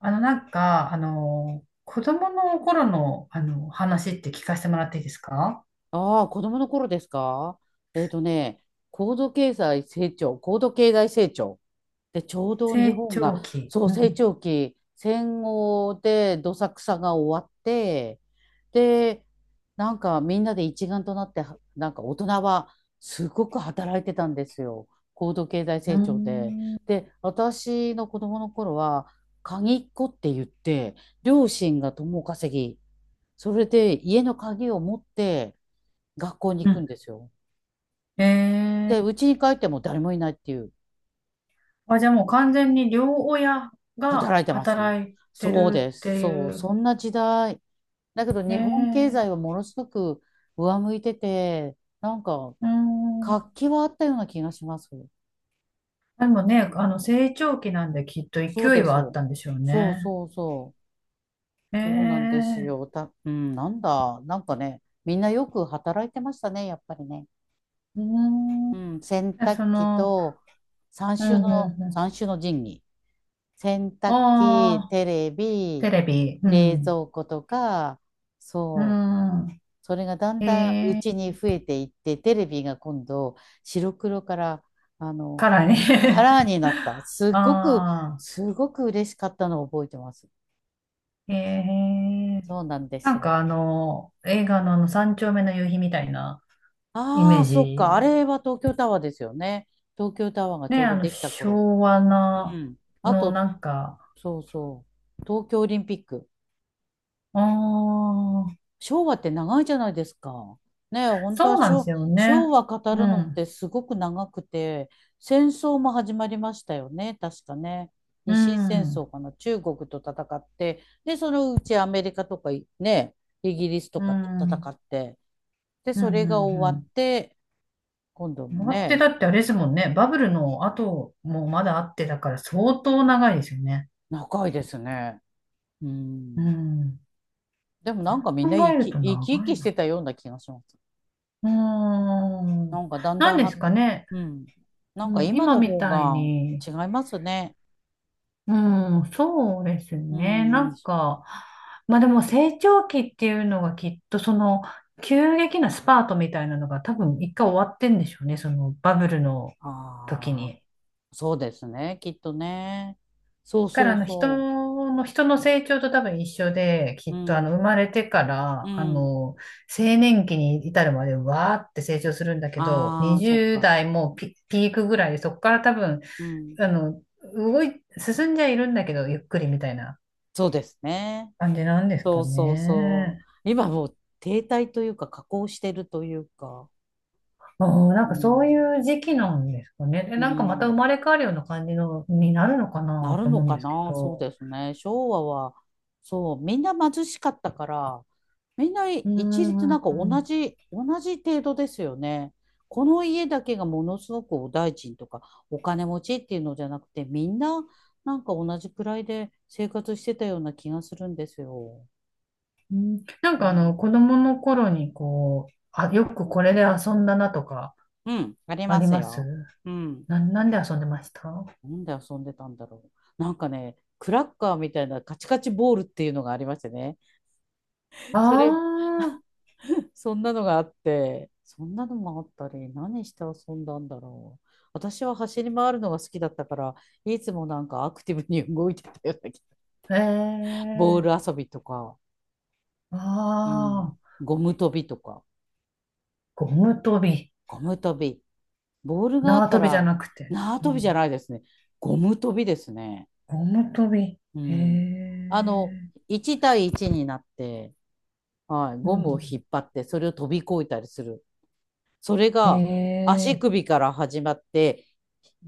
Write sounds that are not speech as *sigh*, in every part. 子供の頃の、話って聞かせてもらっていいですか？ああ、子供の頃ですか。えっとね、高度経済成長、で、ちょうど日成本が、長期。そう、う成ん。長期、戦後でどさくさが終わって、で、なんかみんなで一丸となって、はなんか大人はすごく働いてたんですよ。高度経済う成ー長で。ん。で、私の子供の頃は、鍵っ子って言って、両親が共稼ぎ、それで家の鍵を持って、学校にう行くん。んですよ。で、うえちに帰っても誰もいないっていう、あ、じゃあもう完全に両親が働いてますね。働いてそうるでってす。そいう、う。そんな時代。だけどえ日本経ー、済はものすごく上向いてて、なんかうーん。活気はあったような気がします。でもね、成長期なんできっとそう勢いです。はあったんでしょうそうね。そうそう。えそうなんですー、よ。た、うん、なんだ。なんかね、みんなよく働いてましたね、やっぱりね。うーん。うん、洗じゃ濯そ機の、とうん、うん、う三種の神器。洗ん。濯機、ああ、テレテビ、レビ。う冷ん。蔵庫とか、うそう、ん。それがだんだんうえちーに増えていって、テレビが今度、白黒から、あの、からカね。 ラーになった。*laughs* あすごく嬉しかったのを覚えてます。あ、へえ。そうなんですよ。映画の三丁目の夕日みたいなイメあーあ、そっか。あジ。れは東京タワーですよね。東京タワーがちね、ょうどできた頃。昭和うな、ん。あのなと、んか、そうそう。東京オリンピック。ああ、昭和って長いじゃないですか。ねえ、本当はそうなんですよね。昭和語うるのっん、てすごく長くて、戦争も始まりましたよね、確かね。う日清戦ん、争かな、中国と戦って、で、そのうちアメリカとかいね、イギリスとうん、かとう戦ん、って、で、うん、そうれが終わっん。て、今度も終わってね、だってあれですもんね。バブルの後もまだあってだから相当長いですよね。長いですね。ううん。ん。でもそなんうかみんな考えると生き長生きいしてな。たような気がします。うーなん。んかだんだ何んですは、かね。うん。なんかもう今今のみ方たいがに。違いますね。うん、そうですうね。なん。んか、まあでも成長期っていうのがきっとその急激なスパートみたいなのが多分一回終わってんでしょうね。そのバブルの時ああ、に。そうですね。きっとね。そうだからそう人その、人の成長と多分一緒で、きう。うっとあのん。生まれてかうら、ん。青年期に至るまでわーって成長するんだけど、ああ、そっ20か。代もピークぐらいで、そこから多分うん。あの、進んじゃいるんだけど、ゆっくりみたいなそうですね。感じなんですそかうそうそう。ね。今もう停滞というか、下降してるというか。ああ、なんうかそうん。いう時期なんですかね。で、うなんかまた生ん。まれ変わるような感じのになるのかななると思のうんかですけな、そうど。ですね。昭和は、そう、みんな貧しかったから、みんなうー一律ん。なんか同うじ、同じ程度ですよね。この家だけがものすごくお大臣とかお金持ちっていうのじゃなくて、みんななんか同じくらいで生活してたような気がするんですよ。ん、なんうかん、子供の頃にこう、あ、よくこれで遊んだなとか、うん、ありあまりすますよ。うん。な、なんで遊んでましたあ、なんで遊んでたんだろう。なんかね、クラッカーみたいなカチカチボールっていうのがありましてね。あそれそんなのがあって、そんなのもあったり、何して遊んだんだろう。私は走り回るのが好きだったから、いつもなんかアクティブに動いてたような気が。ー、ボーえルえ、遊びとか、あうん、あ、ゴム跳びとか、ゴム跳び、ゴム跳び。ボールがあっ縄た跳びじゃら、なくて。縄う跳びじゃん、ないですね。ゴム跳びですね。ゴム跳び。へうん。あの、え。1対1になって、はい、うんゴうムを引っ張って、それを飛び越えたりする。それん。へが足え。首から始まって、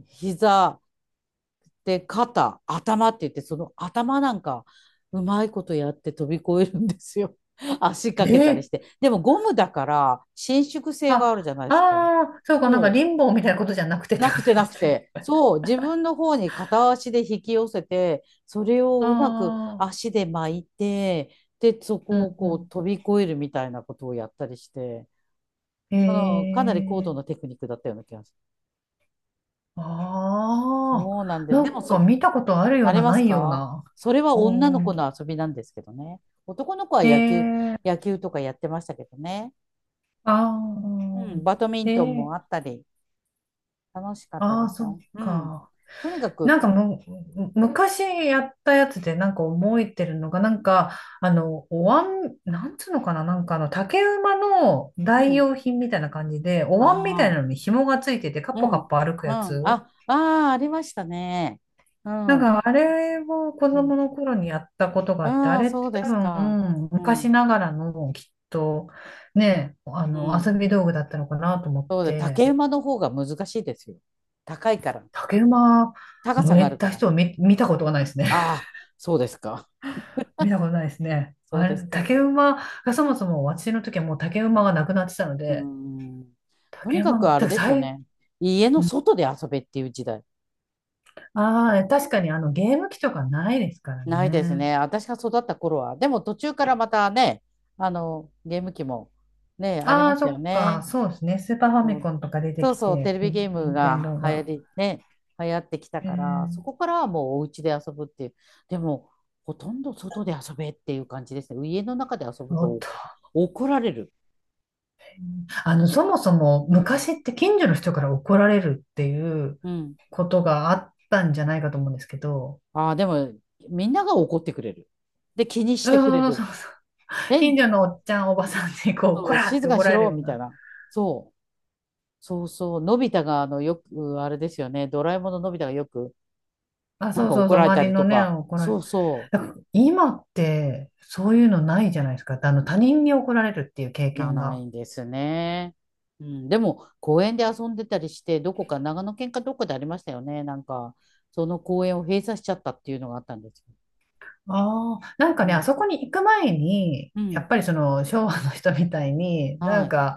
膝、で、肩、頭って言って、その頭なんか、うまいことやって飛び越えるんですよ。*laughs* 足かけたりえ、して。でもゴムだから、伸縮性があるじゃないであ、すか。ああ、そうか、なんかリそう。ンボーみたいなことじゃなくてってなことくてなくですね。て。そう。自分の方に片足で引き寄せて、それ *laughs* をあうまくあ、足で巻いて、で、そうんこをこうう飛び越えるみたいなことをやったりして、ん。あのかなり高へ度え。なテクニックだったような気がする。ああ、そうなんで、なでもんかそ、見たことあるよあうりな、まなすいようか。な。それは女のう子ん。の遊びなんですけどね。男の子はへ野球、え。野球とかやってましたけどね。あうん、あ、バドミンえトンえ。もあったり、楽しかったあであ、すそっよ。うん。か。とにかく、なんかむ、昔やったやつでなんか覚えてるのが、なんか、お椀、なんつうのかな、なんか竹馬のう代ん。用品みたいな感じで、おあ椀みたいあ、なのに紐がついてて、カッうポん、カうッん。ポ歩くやあ、つ。ああ、ありましたね。うなんん。か、あれを子うん、供の頃にやったことがあって、あああ、れっそうてで多すか。分、う昔ん。ながらの、きっと、ね、う遊ん。び道具だったのかなと思っそうで、て、竹馬の方が難しいですよ。高いから。竹馬高乗さがれあるかたら。人を見たことがないですね。ああ、そうですか。見たことないですね。そうあですれ、か。竹馬がそもそも私の時はもう竹馬がなくなってたのうーで、ん。とに竹か馬、くあてれかですよ最、ね。家の外で遊べっていう時代。ああー、確かにあのゲーム機とかないですからないですね。ね。私が育った頃は。でも途中からまたね、あの、ゲーム機もね、ありあまあ、しそたよっか、ね。そうですね。スーパーファそミうコンとか出てそうきそう、テて、レビゲーニムンテンがドー流行が。り、ね、流行ってきたえから、ー、そこからはもうお家で遊ぶっていう。でも、ほとんど外で遊べっていう感じですね。家の中で遊ぶおとっと。怒られる。そもそもうん。昔って近所の人から怒られるっていううん、ことがあったんじゃないかと思うんですけど、ああ、でも、みんなが怒ってくれる。で、気にしてくれそうそうる。そうそう。え、近所のおっちゃん、おばさんにこう、こそうらっ静てかに怒しられるろようみたいな、な。そう。そうそう。のび太が、あの、よく、あれですよね。ドラえもんののび太がよく、あ、なんそうかそう怒そう、られた周りりのとね、か。怒られそる。うそだから今って、そういうのないじゃないですか。他人に怒られるっていう経う。な、験なが。いんですね。うん。でも、公園で遊んでたりして、どこか、長野県かどこでありましたよね。なんか、その公園を閉鎖しちゃったっていうのがあったんですよ。ああ、なんかうね、あん。そこに行く前に、うやん。っぱりその昭和の人みたいに、なはんい。か、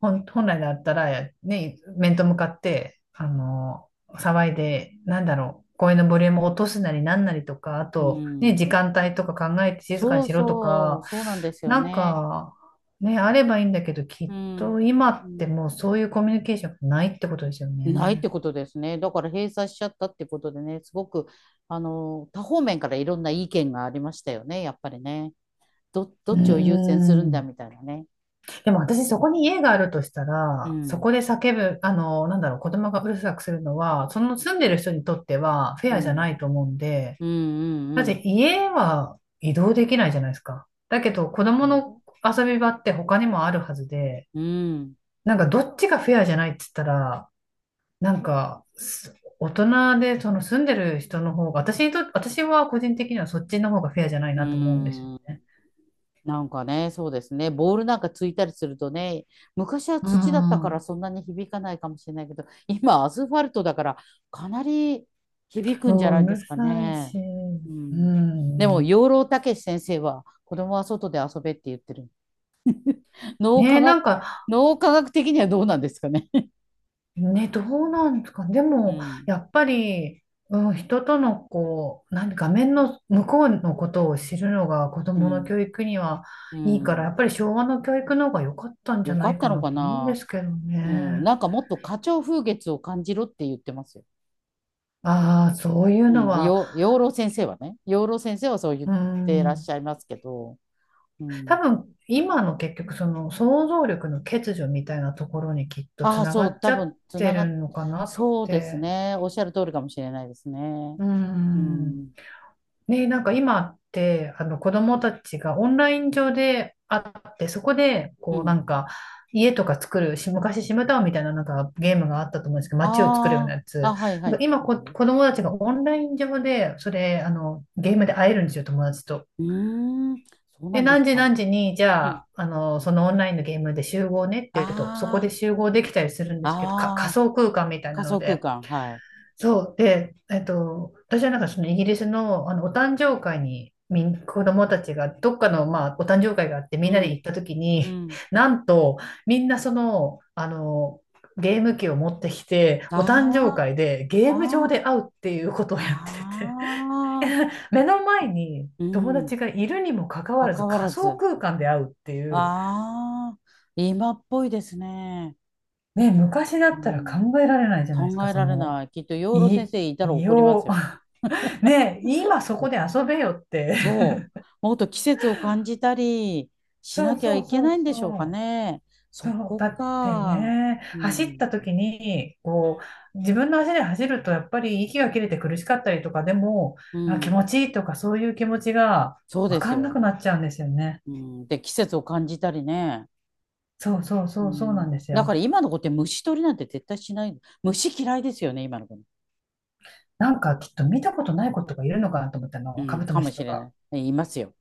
本来だったら、ね、面と向かって、騒いで、なんだろう、声のボリュームを落とすなりなんなりとか、あうと、ね、ん。時間帯とか考えて静かにそうしろとそか、う。そうなんですよなんね。か、ね、あればいいんだけど、きうっとん。今うってんもうそういうコミュニケーションがないってことですよないってね。ことですね。だから閉鎖しちゃったってことでね、すごく、あの、多方面からいろんな意見がありましたよね、やっぱりね。ど、どうーっちを優先するんだん。みたいなね。でも私そこに家があるとしたうら、そん、こで叫ぶ、なんだろう、子供がうるさくするのは、その住んでる人にとってはフェうアじゃなん、いと思うんで、うん、だっうん、て家は移動できないじゃないですか。だけど子う供ん、の遊び場って他にもあるはずで、うん、なんかどっちがフェアじゃないって言ったら、なんか大人でその住んでる人の方が、私にと、私は個人的にはそっちの方がフェアじゃないうなと思うんですよん、うん。ね。なんかね、そうですね。ボールなんかついたりするとね、昔はう土だったからん。そんなに響かないかもしれないけど、今アスファルトだからかなり響くうんじゃなん、いうでするかさいね。し、ううん。でも、ん。養老孟司先生は子供は外で遊べって言ってる。脳ね科え、な学、んか、脳科学的にはどうなんですかね。ね、どうなんですかね。でうも、ん、やっぱり、うん、人との、こう、画面の向こうのことを知るのが子う供のん、教育にはういいから、やん。っぱり昭和の教育の方が良かったんじゃよかなっいたかのなかと思うんでな。すけどうん。ね。なんかもっと花鳥風月を感じろって言ってますよ。ああ、そういうのうん、は、養老先生はね、養老先生はそう言っうてらっしん、ゃいますけど、う多ん。分、今の結局、その想像力の欠如みたいなところにきっとつああ、ながそう、っち多ゃっ分つてながるっ、のかなっそうですて。ね。おっしゃる通りかもしれないですね。ううん、ん。ね、なんか今って、あの子供たちがオンライン上で会って、そこで、うこうなん。んか、家とか作る、し昔シムタウンみたいななんかゲームがあったと思うんですけど、街を作るようあなやあ、あ、つ。はいはなんかい。今子供たちがオンライン上で、それ、ゲームで会えるんですよ、友達と。うーん、そうで、なんで何す時か。何時に、じうゃん。あ、そのオンラインのゲームで集合ねって言うと、そこであ集合できたりするんであ、すけど、仮ああ、想空間みたいな仮の想空で。間、はい。そう。で、えっと、私はなんかそのイギリスの、お誕生会に子供たちがどっかの、まあ、お誕生会があってみうんなでん、行った時に、うん。*laughs* なんとみんなその、ゲーム機を持ってきて、お誕生あ会でゲーム上あ、で会うっていうこあとをやっあ、てて、ああ、*laughs* 目の前にう友ん。達がいるにもかかわらず関わ仮ら想ず。空間で会うっていう、ああ、今っぽいですね。ね、昔だうったらん、考えられないじゃないです考か、えそられの、ない。きっと養老先い、生いたら異怒りま様。すよ。ねえ、今そこで遊べよって。そう。もっと季節を感じたり *laughs* しそなうきゃそういけそうないんでしょうかそう。ね。そそう、こだってか。ね、う走っん。た時に、こう、自分の足で走ると、やっぱり息が切れて苦しかったりとか、でも、うあ、気ん。持ちいいとか、そういう気持ちがそうで分すかんなくよ。なっちゃうんですよね。うん。で、季節を感じたりね。そうそううそう、そうなん。んですだかよ。ら今の子って虫取りなんて絶対しない。虫嫌いですよね、今の子。なんか、きっと見たことない子とかいるのかなと思ったうの、カん。ブトかムもシしとれなか。い。いますよ。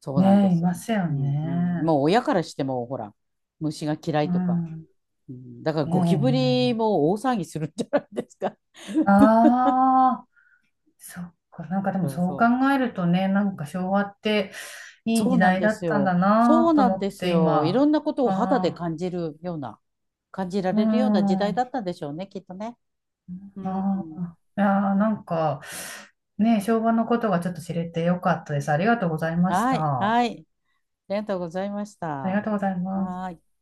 そうなんねでえ、いすよ。ますようんうん。ね。もう親からしても、ほら、虫が嫌いうとか。ん。うん、だからえゴキブリえ。も大騒ぎするんじゃないですか。*laughs* あ、そっか。なんかでもそうそう考そう。えるとね、なんか昭和っていいそう時なん代でだっすたんだよ。そなうとなん思っですてよ。いろ今。んなことを肌であ感じるような、感じらあ、うん。れるような時代あだったんでしょうね、きっとね。うん。あ。いやーなんか、ね、昭和のことがちょっと知れてよかったです。ありがとうございましはい、た。はい。ありがとうございました。ありがはとうございます。ーい。